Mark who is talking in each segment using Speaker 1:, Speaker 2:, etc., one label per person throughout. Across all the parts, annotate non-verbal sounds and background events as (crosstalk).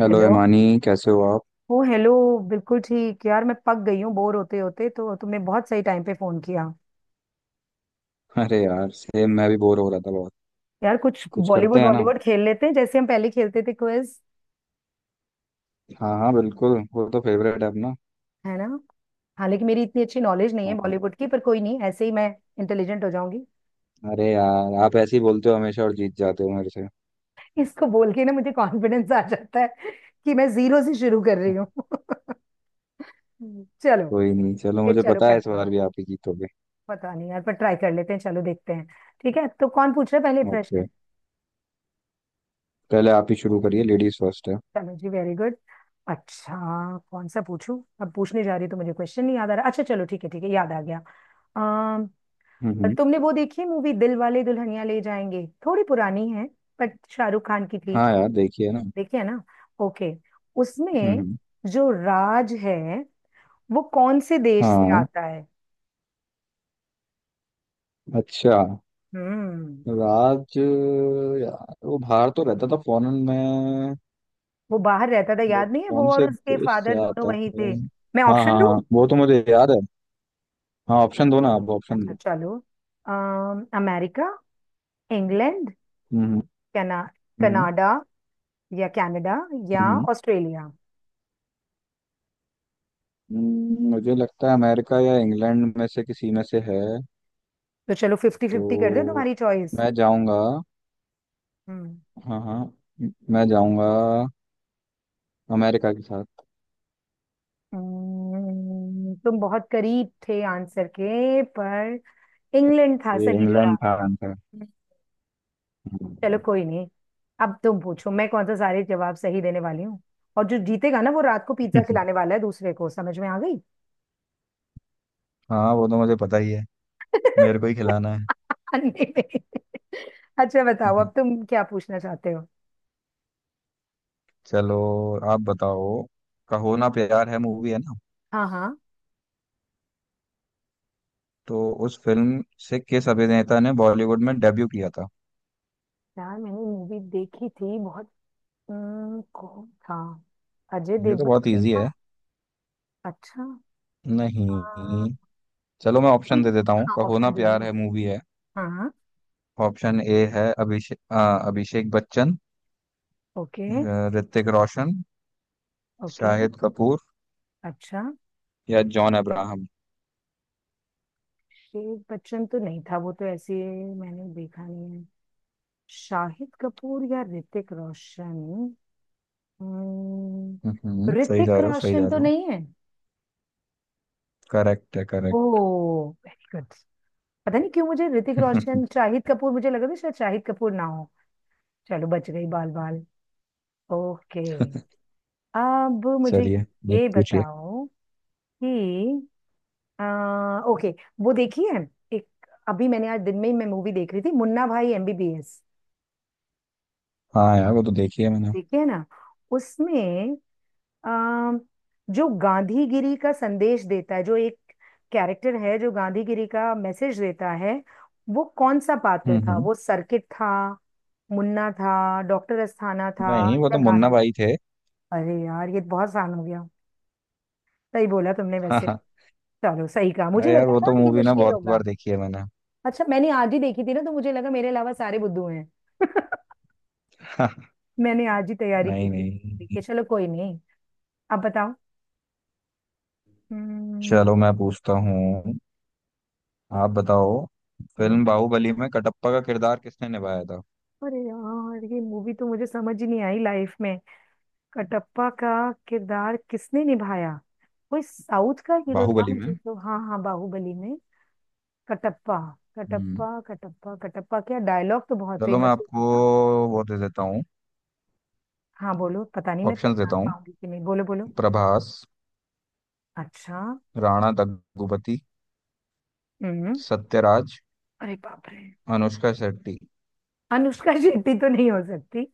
Speaker 1: Hello
Speaker 2: hello.
Speaker 1: Imani, कैसे हो आप।
Speaker 2: Oh hello. बिल्कुल ठीक यार, मैं पक गई हूँ बोर होते होते। तो तुमने बहुत सही टाइम पे फोन किया।
Speaker 1: अरे यार सेम, मैं भी बोर हो रहा था बहुत।
Speaker 2: यार कुछ
Speaker 1: कुछ करते
Speaker 2: बॉलीवुड
Speaker 1: हैं ना।
Speaker 2: बॉलीवुड खेल लेते हैं, जैसे हम पहले खेलते थे क्विज।
Speaker 1: हाँ हाँ बिल्कुल, वो तो फेवरेट है अपना।
Speaker 2: है ना। हालांकि मेरी इतनी अच्छी नॉलेज नहीं है
Speaker 1: हाँ हाँ।
Speaker 2: बॉलीवुड की, पर कोई नहीं, ऐसे ही मैं इंटेलिजेंट हो जाऊंगी।
Speaker 1: अरे यार, आप ऐसे ही बोलते हो हमेशा और जीत जाते हो मेरे से।
Speaker 2: इसको बोल के ना मुझे कॉन्फिडेंस आ जाता है कि मैं जीरो से शुरू कर रही हूँ। (laughs) चलो।
Speaker 1: कोई नहीं, चलो
Speaker 2: फिर
Speaker 1: मुझे
Speaker 2: चलो
Speaker 1: पता है इस
Speaker 2: करते
Speaker 1: बार
Speaker 2: हैं।
Speaker 1: भी आप ही जीतोगे।
Speaker 2: पता नहीं यार, पर ट्राई कर लेते हैं, चलो देखते हैं। ठीक है, तो कौन पूछ रहा है पहले
Speaker 1: ओके,
Speaker 2: प्रश्न।
Speaker 1: पहले आप ही शुरू करिए, लेडीज फर्स्ट है।
Speaker 2: चलो जी, वेरी गुड। अच्छा, कौन सा पूछूं, अब पूछने जा रही तो मुझे क्वेश्चन नहीं याद आ रहा। अच्छा चलो, ठीक है ठीक है, याद आ गया। अम,
Speaker 1: हम्म।
Speaker 2: तुमने वो देखी है मूवी दिल वाले दुल्हनिया ले जाएंगे, थोड़ी पुरानी है, बट शाहरुख खान की थी।
Speaker 1: हाँ यार, देखिए ना।
Speaker 2: देखी है ना। ओके।
Speaker 1: हम्म
Speaker 2: उसमें
Speaker 1: हम्म
Speaker 2: जो राज है, वो कौन से देश से
Speaker 1: हाँ,
Speaker 2: आता है।
Speaker 1: अच्छा।
Speaker 2: हम्म।
Speaker 1: राज? यार वो बाहर तो रहता था, फॉरेन में।
Speaker 2: वो बाहर रहता था,
Speaker 1: बट
Speaker 2: याद नहीं है
Speaker 1: कौन
Speaker 2: वो और
Speaker 1: से
Speaker 2: उसके
Speaker 1: देश से
Speaker 2: फादर दोनों
Speaker 1: आता
Speaker 2: वहीं
Speaker 1: है।
Speaker 2: थे। मैं
Speaker 1: हाँ
Speaker 2: ऑप्शन
Speaker 1: हाँ
Speaker 2: दूं।
Speaker 1: हाँ, वो तो मुझे याद है। हाँ, ऑप्शन दो ना आप, ऑप्शन
Speaker 2: अच्छा
Speaker 1: दो।
Speaker 2: चलो। अमेरिका, इंग्लैंड,
Speaker 1: हम्म
Speaker 2: कना
Speaker 1: हम्म
Speaker 2: कनाडा, या कनाडा, या
Speaker 1: हम्म,
Speaker 2: ऑस्ट्रेलिया।
Speaker 1: मुझे लगता है अमेरिका या इंग्लैंड में से किसी में से है।
Speaker 2: तो चलो फिफ्टी फिफ्टी कर दो,
Speaker 1: तो
Speaker 2: तुम्हारी चॉइस।
Speaker 1: मैं जाऊंगा।
Speaker 2: हम्म।
Speaker 1: हाँ हाँ। मैं जाऊंगा अमेरिका के साथ।
Speaker 2: तुम बहुत करीब थे आंसर के, पर इंग्लैंड था
Speaker 1: ये
Speaker 2: सही
Speaker 1: इंग्लैंड
Speaker 2: जवाब।
Speaker 1: था आंसर।
Speaker 2: चलो
Speaker 1: हम्म।
Speaker 2: कोई नहीं। अब तुम पूछो, मैं कौन सा सारे जवाब सही देने वाली हूँ। और जो जीतेगा ना वो रात को पिज्जा खिलाने
Speaker 1: (laughs)
Speaker 2: वाला है दूसरे को, समझ में आ गई।
Speaker 1: हाँ, वो तो मुझे पता ही है। मेरे को ही
Speaker 2: (laughs)
Speaker 1: खिलाना है।
Speaker 2: अंडे में। अच्छा बताओ, अब
Speaker 1: (laughs)
Speaker 2: तुम क्या पूछना चाहते हो।
Speaker 1: चलो, आप बताओ। कहो ना प्यार है, मूवी है ना।
Speaker 2: हाँ हाँ।
Speaker 1: तो उस फिल्म से किस अभिनेता ने बॉलीवुड में डेब्यू किया था।
Speaker 2: यार मैंने मूवी देखी थी बहुत। कौन था। अजय
Speaker 1: ये तो
Speaker 2: देवगन
Speaker 1: बहुत
Speaker 2: तो नहीं
Speaker 1: इजी है।
Speaker 2: था। अच्छा। आ,
Speaker 1: नहीं, चलो मैं
Speaker 2: कोई।
Speaker 1: ऑप्शन दे देता हूँ।
Speaker 2: हाँ
Speaker 1: कहो ना
Speaker 2: ऑप्शन दे
Speaker 1: प्यार
Speaker 2: दो।
Speaker 1: है मूवी है।
Speaker 2: हाँ।
Speaker 1: ऑप्शन ए है, अभिषेक अभिषेक बच्चन।
Speaker 2: ओके।
Speaker 1: ऋतिक रोशन,
Speaker 2: ओके।
Speaker 1: शाहिद कपूर
Speaker 2: अच्छा।
Speaker 1: या जॉन अब्राहम।
Speaker 2: शेख बच्चन तो नहीं था, वो तो ऐसे मैंने देखा नहीं है। शाहिद कपूर या ऋतिक रोशन। हम्म,
Speaker 1: सही जा
Speaker 2: ऋतिक
Speaker 1: रहे हो, सही जा
Speaker 2: रोशन तो
Speaker 1: रहे हो।
Speaker 2: नहीं है।
Speaker 1: करेक्ट है, करेक्ट।
Speaker 2: Oh very good. पता नहीं क्यों मुझे ऋतिक रोशन
Speaker 1: (laughs)
Speaker 2: शाहिद कपूर, मुझे लगा था शायद शाहिद कपूर ना हो। चलो बच गई बाल बाल। ओके। अब मुझे
Speaker 1: चलिए आप
Speaker 2: ये
Speaker 1: पूछिए।
Speaker 2: बताओ कि ओके, वो देखी है एक, अभी मैंने आज दिन में ही मैं मूवी देख रही थी मुन्ना भाई एमबीबीएस।
Speaker 1: हाँ यार, वो तो देखी है मैंने।
Speaker 2: देखी है ना। उसमें आ, जो गांधीगिरी का संदेश देता है, जो एक कैरेक्टर है जो गांधीगिरी का मैसेज देता है, वो कौन सा पात्र
Speaker 1: हम्म
Speaker 2: था।
Speaker 1: हम्म
Speaker 2: वो सर्किट था, मुन्ना था, डॉक्टर अस्थाना था,
Speaker 1: नहीं, वो तो
Speaker 2: या
Speaker 1: मुन्ना
Speaker 2: गांधी।
Speaker 1: भाई थे।
Speaker 2: अरे यार ये बहुत आसान हो गया, सही बोला तुमने
Speaker 1: (laughs)
Speaker 2: वैसे।
Speaker 1: हाँ।
Speaker 2: चलो सही कहा, मुझे
Speaker 1: अरे यार,
Speaker 2: लगा
Speaker 1: वो
Speaker 2: था
Speaker 1: तो
Speaker 2: ये
Speaker 1: मूवी ना
Speaker 2: मुश्किल
Speaker 1: बहुत
Speaker 2: होगा।
Speaker 1: बार देखी है मैंने।
Speaker 2: अच्छा, मैंने आज ही देखी थी ना तो मुझे लगा मेरे अलावा सारे बुद्धू हैं। (laughs)
Speaker 1: (laughs)
Speaker 2: मैंने आज ही तैयारी की
Speaker 1: नहीं
Speaker 2: थी इस movie
Speaker 1: नहीं।
Speaker 2: की। चलो कोई नहीं, अब बताओ। हम्म,
Speaker 1: चलो मैं पूछता हूँ, आप बताओ।
Speaker 2: रुको।
Speaker 1: फिल्म बाहुबली में कटप्पा का किरदार किसने निभाया था।
Speaker 2: अरे यार ये मूवी तो मुझे समझ ही नहीं आई लाइफ में। कटप्पा का किरदार किसने निभाया। कोई साउथ का हीरो था
Speaker 1: बाहुबली में।
Speaker 2: मुझे तो, हाँ हाँ बाहुबली में। कटप्पा,
Speaker 1: हम्म,
Speaker 2: कटप्पा क्या डायलॉग तो बहुत
Speaker 1: चलो मैं
Speaker 2: फेमस
Speaker 1: आपको
Speaker 2: हुआ था।
Speaker 1: वो दे देता हूँ।
Speaker 2: हाँ बोलो, पता नहीं मैं
Speaker 1: ऑप्शंस
Speaker 2: पहचान
Speaker 1: देता हूँ।
Speaker 2: पाऊंगी कि नहीं, बोलो बोलो।
Speaker 1: प्रभास,
Speaker 2: अच्छा।
Speaker 1: राणा दग्गुबाती,
Speaker 2: हम्म।
Speaker 1: सत्यराज,
Speaker 2: अरे बाप रे।
Speaker 1: अनुष्का शेट्टी।
Speaker 2: अनुष्का (laughs) शेट्टी तो नहीं हो सकती,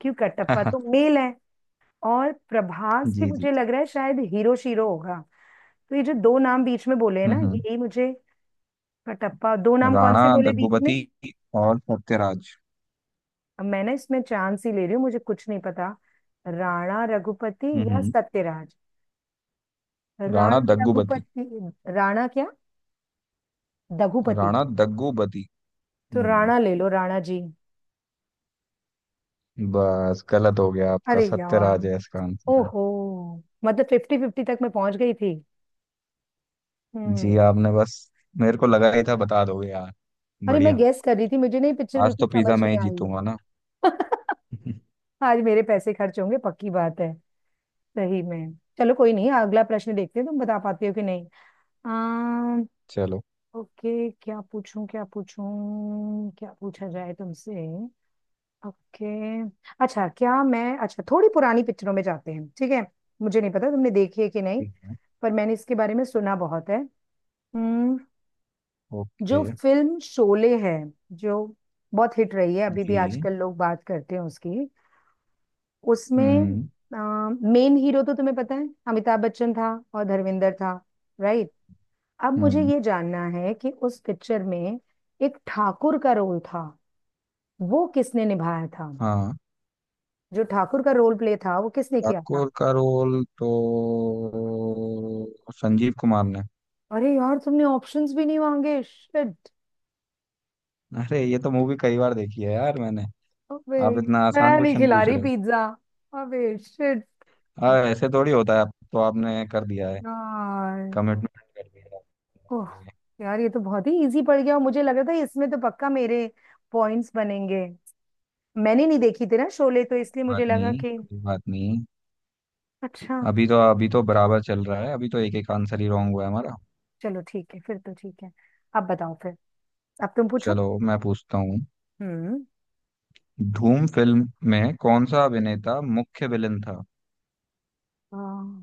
Speaker 2: क्यों कटप्पा तो
Speaker 1: (laughs)
Speaker 2: मेल है। और प्रभास भी
Speaker 1: जी जी
Speaker 2: मुझे
Speaker 1: जी।
Speaker 2: लग रहा है शायद हीरो शीरो होगा। तो ये जो दो नाम बीच में बोले हैं ना,
Speaker 1: हम्म,
Speaker 2: यही मुझे। कटप्पा, दो नाम कौन
Speaker 1: राणा
Speaker 2: से बोले बीच में।
Speaker 1: दग्गुबाती और सत्यराज।
Speaker 2: अब मैंने इसमें चांस ही ले रही हूँ, मुझे कुछ नहीं पता। राणा रघुपति
Speaker 1: हम्म
Speaker 2: या
Speaker 1: हम्म,
Speaker 2: सत्यराज।
Speaker 1: राणा
Speaker 2: राणा
Speaker 1: दग्गुबाती।
Speaker 2: रघुपति। राणा क्या, दघुपति।
Speaker 1: राणा दग्गुबाती।
Speaker 2: तो
Speaker 1: हम्म,
Speaker 2: राणा ले लो, राणा जी।
Speaker 1: बस गलत हो गया आपका,
Speaker 2: अरे यार।
Speaker 1: सत्यराज है इसका आंसर।
Speaker 2: ओहो, मतलब फिफ्टी फिफ्टी तक मैं पहुंच गई थी। हम्म।
Speaker 1: जी आपने बस, मेरे को लगा ही था बता दोगे यार।
Speaker 2: अरे मैं
Speaker 1: बढ़िया।
Speaker 2: गेस कर रही थी, मुझे नहीं पिक्चर
Speaker 1: आज
Speaker 2: बिल्कुल
Speaker 1: तो पिज्जा
Speaker 2: समझ
Speaker 1: मैं
Speaker 2: नहीं
Speaker 1: ही
Speaker 2: आई है।
Speaker 1: जीतूंगा ना। (laughs)
Speaker 2: (laughs) आज मेरे पैसे खर्च होंगे पक्की बात है, सही में। चलो कोई नहीं, अगला प्रश्न देखते हैं तुम बता पाती हो कि नहीं। आम,
Speaker 1: चलो
Speaker 2: ओके, क्या पूछूं क्या पूछूं, क्या पूछा जाए तुमसे। ओके। अच्छा, क्या मैं अच्छा थोड़ी पुरानी पिक्चरों में जाते हैं, ठीक है। मुझे नहीं पता तुमने देखी है कि नहीं,
Speaker 1: ठीक है।
Speaker 2: पर मैंने इसके बारे में सुना बहुत है। हम्म,
Speaker 1: ओके।
Speaker 2: जो फिल्म शोले है, जो बहुत हिट रही है, अभी भी
Speaker 1: जी।
Speaker 2: आजकल लोग बात करते हैं उसकी। उसमें
Speaker 1: हम्म
Speaker 2: मेन हीरो तो तुम्हें पता है अमिताभ बच्चन था और धर्मेंद्र था, राइट। अब मुझे
Speaker 1: हम्म
Speaker 2: ये जानना है कि उस पिक्चर में एक ठाकुर का रोल था, वो किसने निभाया था।
Speaker 1: हाँ,
Speaker 2: जो ठाकुर का रोल प्ले था वो किसने किया था।
Speaker 1: ठाकुर का रोल तो संजीव कुमार ने।
Speaker 2: अरे यार तुमने ऑप्शंस भी नहीं मांगे, शिट।
Speaker 1: अरे, ये तो मूवी कई बार देखी है यार मैंने।
Speaker 2: अबे
Speaker 1: आप इतना आसान
Speaker 2: मैं नहीं
Speaker 1: क्वेश्चन
Speaker 2: खिला
Speaker 1: पूछ
Speaker 2: रही
Speaker 1: रहे हो।
Speaker 2: पिज्जा, अबे शिट।
Speaker 1: हाँ ऐसे थोड़ी होता है, आप तो आपने कर दिया है,
Speaker 2: यार।
Speaker 1: कमिटमेंट कर दिया है
Speaker 2: ओह
Speaker 1: आपने।
Speaker 2: यार, ये तो बहुत ही इजी पड़ गया, और मुझे लग रहा था इसमें तो पक्का मेरे पॉइंट्स बनेंगे। मैंने नहीं देखी थी ना शोले, तो इसलिए
Speaker 1: कोई
Speaker 2: मुझे
Speaker 1: बात
Speaker 2: लगा
Speaker 1: नहीं,
Speaker 2: कि।
Speaker 1: कोई बात नहीं।
Speaker 2: अच्छा।
Speaker 1: अभी तो बराबर चल रहा है, अभी तो एक एक आंसर ही रॉन्ग हुआ है हमारा।
Speaker 2: चलो ठीक है, फिर तो ठीक है। अब बताओ फिर, अब तुम पूछो।
Speaker 1: चलो मैं पूछता हूँ,
Speaker 2: हम्म।
Speaker 1: धूम फिल्म में कौन सा अभिनेता मुख्य विलेन था।
Speaker 2: हाँ,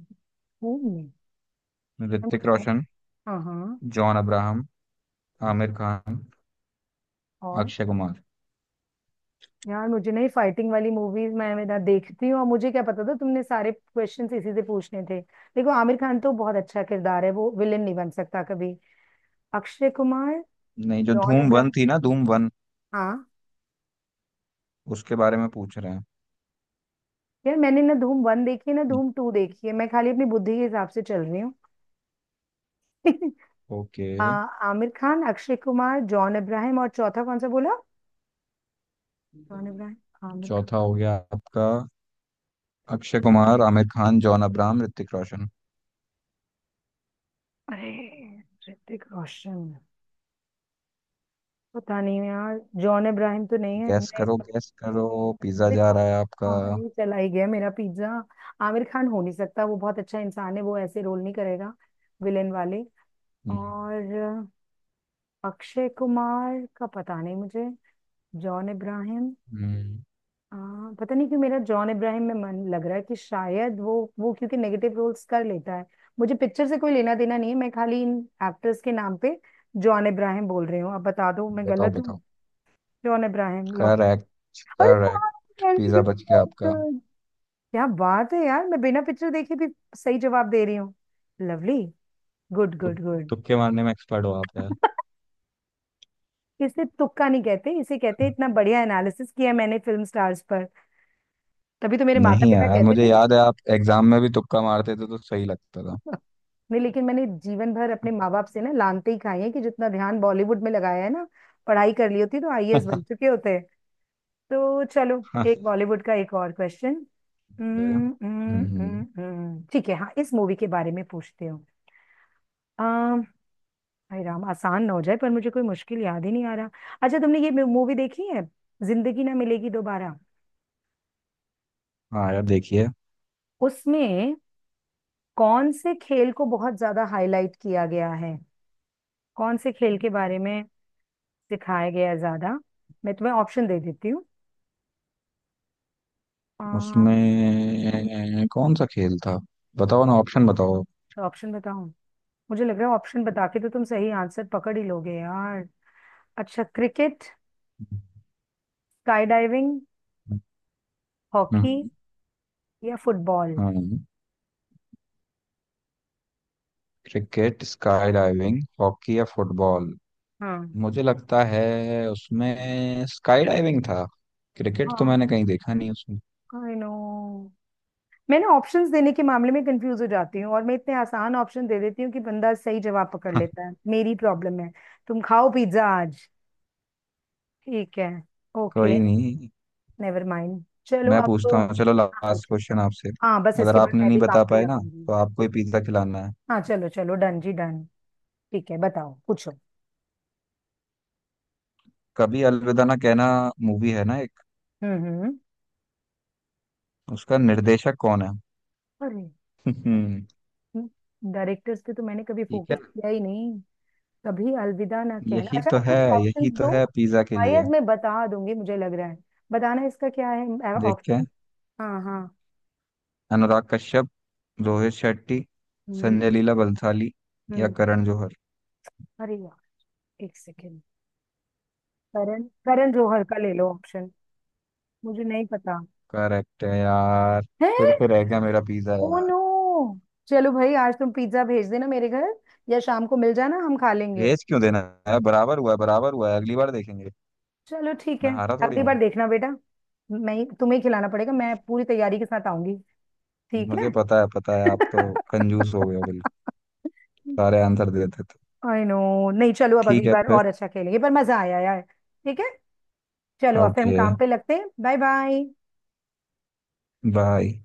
Speaker 2: खून में। यार
Speaker 1: ऋतिक
Speaker 2: मुझे नहीं-
Speaker 1: रोशन,
Speaker 2: हाँ हाँ
Speaker 1: जॉन अब्राहम, आमिर खान,
Speaker 2: और।
Speaker 1: अक्षय कुमार।
Speaker 2: यार मुझे नहीं फाइटिंग वाली मूवीज मैं ना देखती हूँ, और मुझे क्या पता था तुमने सारे क्वेश्चंस इसी से पूछने थे। देखो आमिर खान तो बहुत अच्छा किरदार है, वो विलेन नहीं बन सकता कभी। अक्षय कुमार,
Speaker 1: नहीं, जो
Speaker 2: जॉन
Speaker 1: धूम वन
Speaker 2: इब्राहिम।
Speaker 1: थी ना, धूम वन
Speaker 2: हाँ
Speaker 1: उसके बारे में पूछ रहे हैं।
Speaker 2: यार मैंने ना धूम वन देखी है ना धूम टू देखी है, मैं खाली अपनी बुद्धि के हिसाब से चल रही हूँ। (laughs)
Speaker 1: ओके,
Speaker 2: आ, आमिर खान, अक्षय कुमार, जॉन इब्राहिम, और चौथा कौन सा बोला। जॉन इब्राहिम, आमिर खान।
Speaker 1: चौथा हो गया आपका। अक्षय कुमार, आमिर खान, जॉन अब्राहम, ऋतिक रोशन।
Speaker 2: अरे। ऋतिक रोशन। पता नहीं यार, जॉन इब्राहिम तो नहीं है,
Speaker 1: गैस
Speaker 2: नहीं।
Speaker 1: करो, गैस करो, पिज्जा जा
Speaker 2: देखो,
Speaker 1: रहा है आपका।
Speaker 2: हाँ ये चला ही गया मेरा पिज्जा। आमिर खान हो नहीं सकता, वो बहुत अच्छा इंसान है, वो ऐसे रोल नहीं करेगा विलेन वाले।
Speaker 1: हम्म,
Speaker 2: और अक्षय कुमार का पता नहीं मुझे। जॉन इब्राहिम।
Speaker 1: हम्म,
Speaker 2: हाँ पता नहीं क्यों मेरा जॉन इब्राहिम में मन लग रहा है कि शायद वो क्योंकि नेगेटिव रोल्स कर लेता है। मुझे पिक्चर से कोई लेना देना नहीं है, मैं खाली इन एक्टर्स के नाम पे जॉन इब्राहिम बोल रही हूँ, अब बता दो मैं
Speaker 1: बताओ
Speaker 2: गलत हूँ।
Speaker 1: बताओ।
Speaker 2: जॉन इब्राहिम लॉक।
Speaker 1: करेक्ट।
Speaker 2: अरे वाह,
Speaker 1: करेक्ट,
Speaker 2: very
Speaker 1: पिज्जा
Speaker 2: good,
Speaker 1: बच गया
Speaker 2: very
Speaker 1: आपका।
Speaker 2: good. क्या बात है यार, मैं बिना पिक्चर देखे भी सही जवाब दे रही हूँ। लवली, गुड
Speaker 1: तु,
Speaker 2: गुड गुड।
Speaker 1: तुक्के मारने में एक्सपर्ट हो आप यार।
Speaker 2: इसे तुक्का नहीं कहते, इसे कहते हैं, इतना बढ़िया एनालिसिस किया मैंने फिल्म स्टार्स पर। तभी तो मेरे माता
Speaker 1: नहीं
Speaker 2: पिता
Speaker 1: यार,
Speaker 2: कहते
Speaker 1: मुझे
Speaker 2: थे कि,
Speaker 1: याद है आप एग्जाम में भी तुक्का मारते थे तो सही लगता था।
Speaker 2: नहीं लेकिन मैंने जीवन भर अपने माँ बाप से ना लानते ही खाई है कि जितना ध्यान बॉलीवुड में लगाया है ना, पढ़ाई कर ली होती तो आईएएस बन
Speaker 1: (laughs)
Speaker 2: चुके होते। तो चलो, एक बॉलीवुड का एक और क्वेश्चन।
Speaker 1: हम्म।
Speaker 2: ठीक है हाँ, इस मूवी के बारे में पूछते हो। अम, भाई राम आसान ना हो जाए, पर मुझे कोई मुश्किल याद ही नहीं आ रहा। अच्छा तुमने ये मूवी देखी है, जिंदगी ना मिलेगी दोबारा।
Speaker 1: हाँ यार, देखिए।
Speaker 2: उसमें कौन से खेल को बहुत ज्यादा हाईलाइट किया गया है, कौन से खेल के बारे में सिखाया गया है ज्यादा। मैं तुम्हें ऑप्शन दे देती हूँ। आ,
Speaker 1: उसमें कौन सा खेल था, बताओ ना ऑप्शन बताओ।
Speaker 2: अच्छा ऑप्शन बताऊं। मुझे लग रहा है ऑप्शन बता के तो तुम सही आंसर पकड़ ही लोगे यार। अच्छा, क्रिकेट, स्काई डाइविंग, हॉकी,
Speaker 1: हम्म
Speaker 2: या फुटबॉल।
Speaker 1: हम्म क्रिकेट, स्काई डाइविंग, हॉकी या फुटबॉल।
Speaker 2: हाँ
Speaker 1: मुझे लगता है उसमें स्काई डाइविंग था, क्रिकेट तो
Speaker 2: हाँ।
Speaker 1: मैंने कहीं देखा नहीं उसमें।
Speaker 2: आई नो, मैं ना ऑप्शंस देने के मामले में कंफ्यूज हो जाती हूँ, और मैं इतने आसान ऑप्शन दे देती हूँ कि बंदा सही जवाब पकड़
Speaker 1: (laughs)
Speaker 2: लेता है, मेरी प्रॉब्लम है। तुम खाओ पिज्जा आज, ठीक है। ओके।
Speaker 1: कोई नहीं।
Speaker 2: नेवर माइंड, चलो
Speaker 1: मैं
Speaker 2: अब
Speaker 1: पूछता हूँ, चलो
Speaker 2: आप
Speaker 1: लास्ट
Speaker 2: पूछो।
Speaker 1: क्वेश्चन आपसे।
Speaker 2: हाँ बस
Speaker 1: अगर
Speaker 2: इसके बाद
Speaker 1: आपने
Speaker 2: मैं
Speaker 1: नहीं
Speaker 2: भी काम
Speaker 1: बता
Speaker 2: पे
Speaker 1: पाए ना,
Speaker 2: लगूंगी।
Speaker 1: तो आपको ही
Speaker 2: ठीक,
Speaker 1: पिज्जा खिलाना है।
Speaker 2: हाँ चलो चलो डन जी डन। ठीक है बताओ, पूछो।
Speaker 1: कभी अलविदा ना कहना मूवी है ना एक,
Speaker 2: हम्म।
Speaker 1: उसका निर्देशक कौन है।
Speaker 2: अरे।
Speaker 1: (laughs)
Speaker 2: डायरेक्टर्स पे तो मैंने कभी
Speaker 1: ठीक
Speaker 2: फोकस
Speaker 1: है,
Speaker 2: किया ही नहीं। कभी अलविदा ना कहना,
Speaker 1: यही तो
Speaker 2: अच्छा
Speaker 1: है,
Speaker 2: कुछ ऑप्शंस
Speaker 1: यही तो
Speaker 2: दो।
Speaker 1: है पिज्जा के लिए।
Speaker 2: शायद मैं बता दूंगी मुझे लग रहा है, बताना इसका क्या है
Speaker 1: देख के।
Speaker 2: ऑप्शन। हाँ हाँ।
Speaker 1: अनुराग कश्यप, रोहित शेट्टी,
Speaker 2: हम्म
Speaker 1: संजय लीला बंसाली या
Speaker 2: हम्म।
Speaker 1: करण जौहर।
Speaker 2: अरे यार, एक सेकेंड। करण, करण जौहर का ले लो ऑप्शन, मुझे नहीं पता।
Speaker 1: करेक्ट है यार।
Speaker 2: है।
Speaker 1: फिर से रह गया मेरा पिज्जा
Speaker 2: ओ
Speaker 1: यार।
Speaker 2: नो। चलो भाई आज तुम पिज्जा भेज देना मेरे घर, या शाम को मिल जाना हम खा लेंगे।
Speaker 1: भेज क्यों देना है, बराबर हुआ है, बराबर हुआ है, अगली बार देखेंगे।
Speaker 2: चलो ठीक है।
Speaker 1: मैं हारा थोड़ी
Speaker 2: अगली बार
Speaker 1: हूँ।
Speaker 2: देखना बेटा, तुम्हें ही खिलाना पड़ेगा, मैं पूरी तैयारी के साथ आऊंगी, ठीक है।
Speaker 1: मुझे पता है, पता है, आप तो कंजूस हो गए हो बिल्कुल,
Speaker 2: (laughs)
Speaker 1: सारे आंसर दे देते हो।
Speaker 2: I know. नहीं चलो अब
Speaker 1: ठीक
Speaker 2: अगली
Speaker 1: है
Speaker 2: बार
Speaker 1: फिर।
Speaker 2: और अच्छा खेलेंगे, पर मजा आया यार, ठीक है। चलो अब फिर हम
Speaker 1: ओके,
Speaker 2: काम पे लगते हैं, बाय बाय।
Speaker 1: बाय।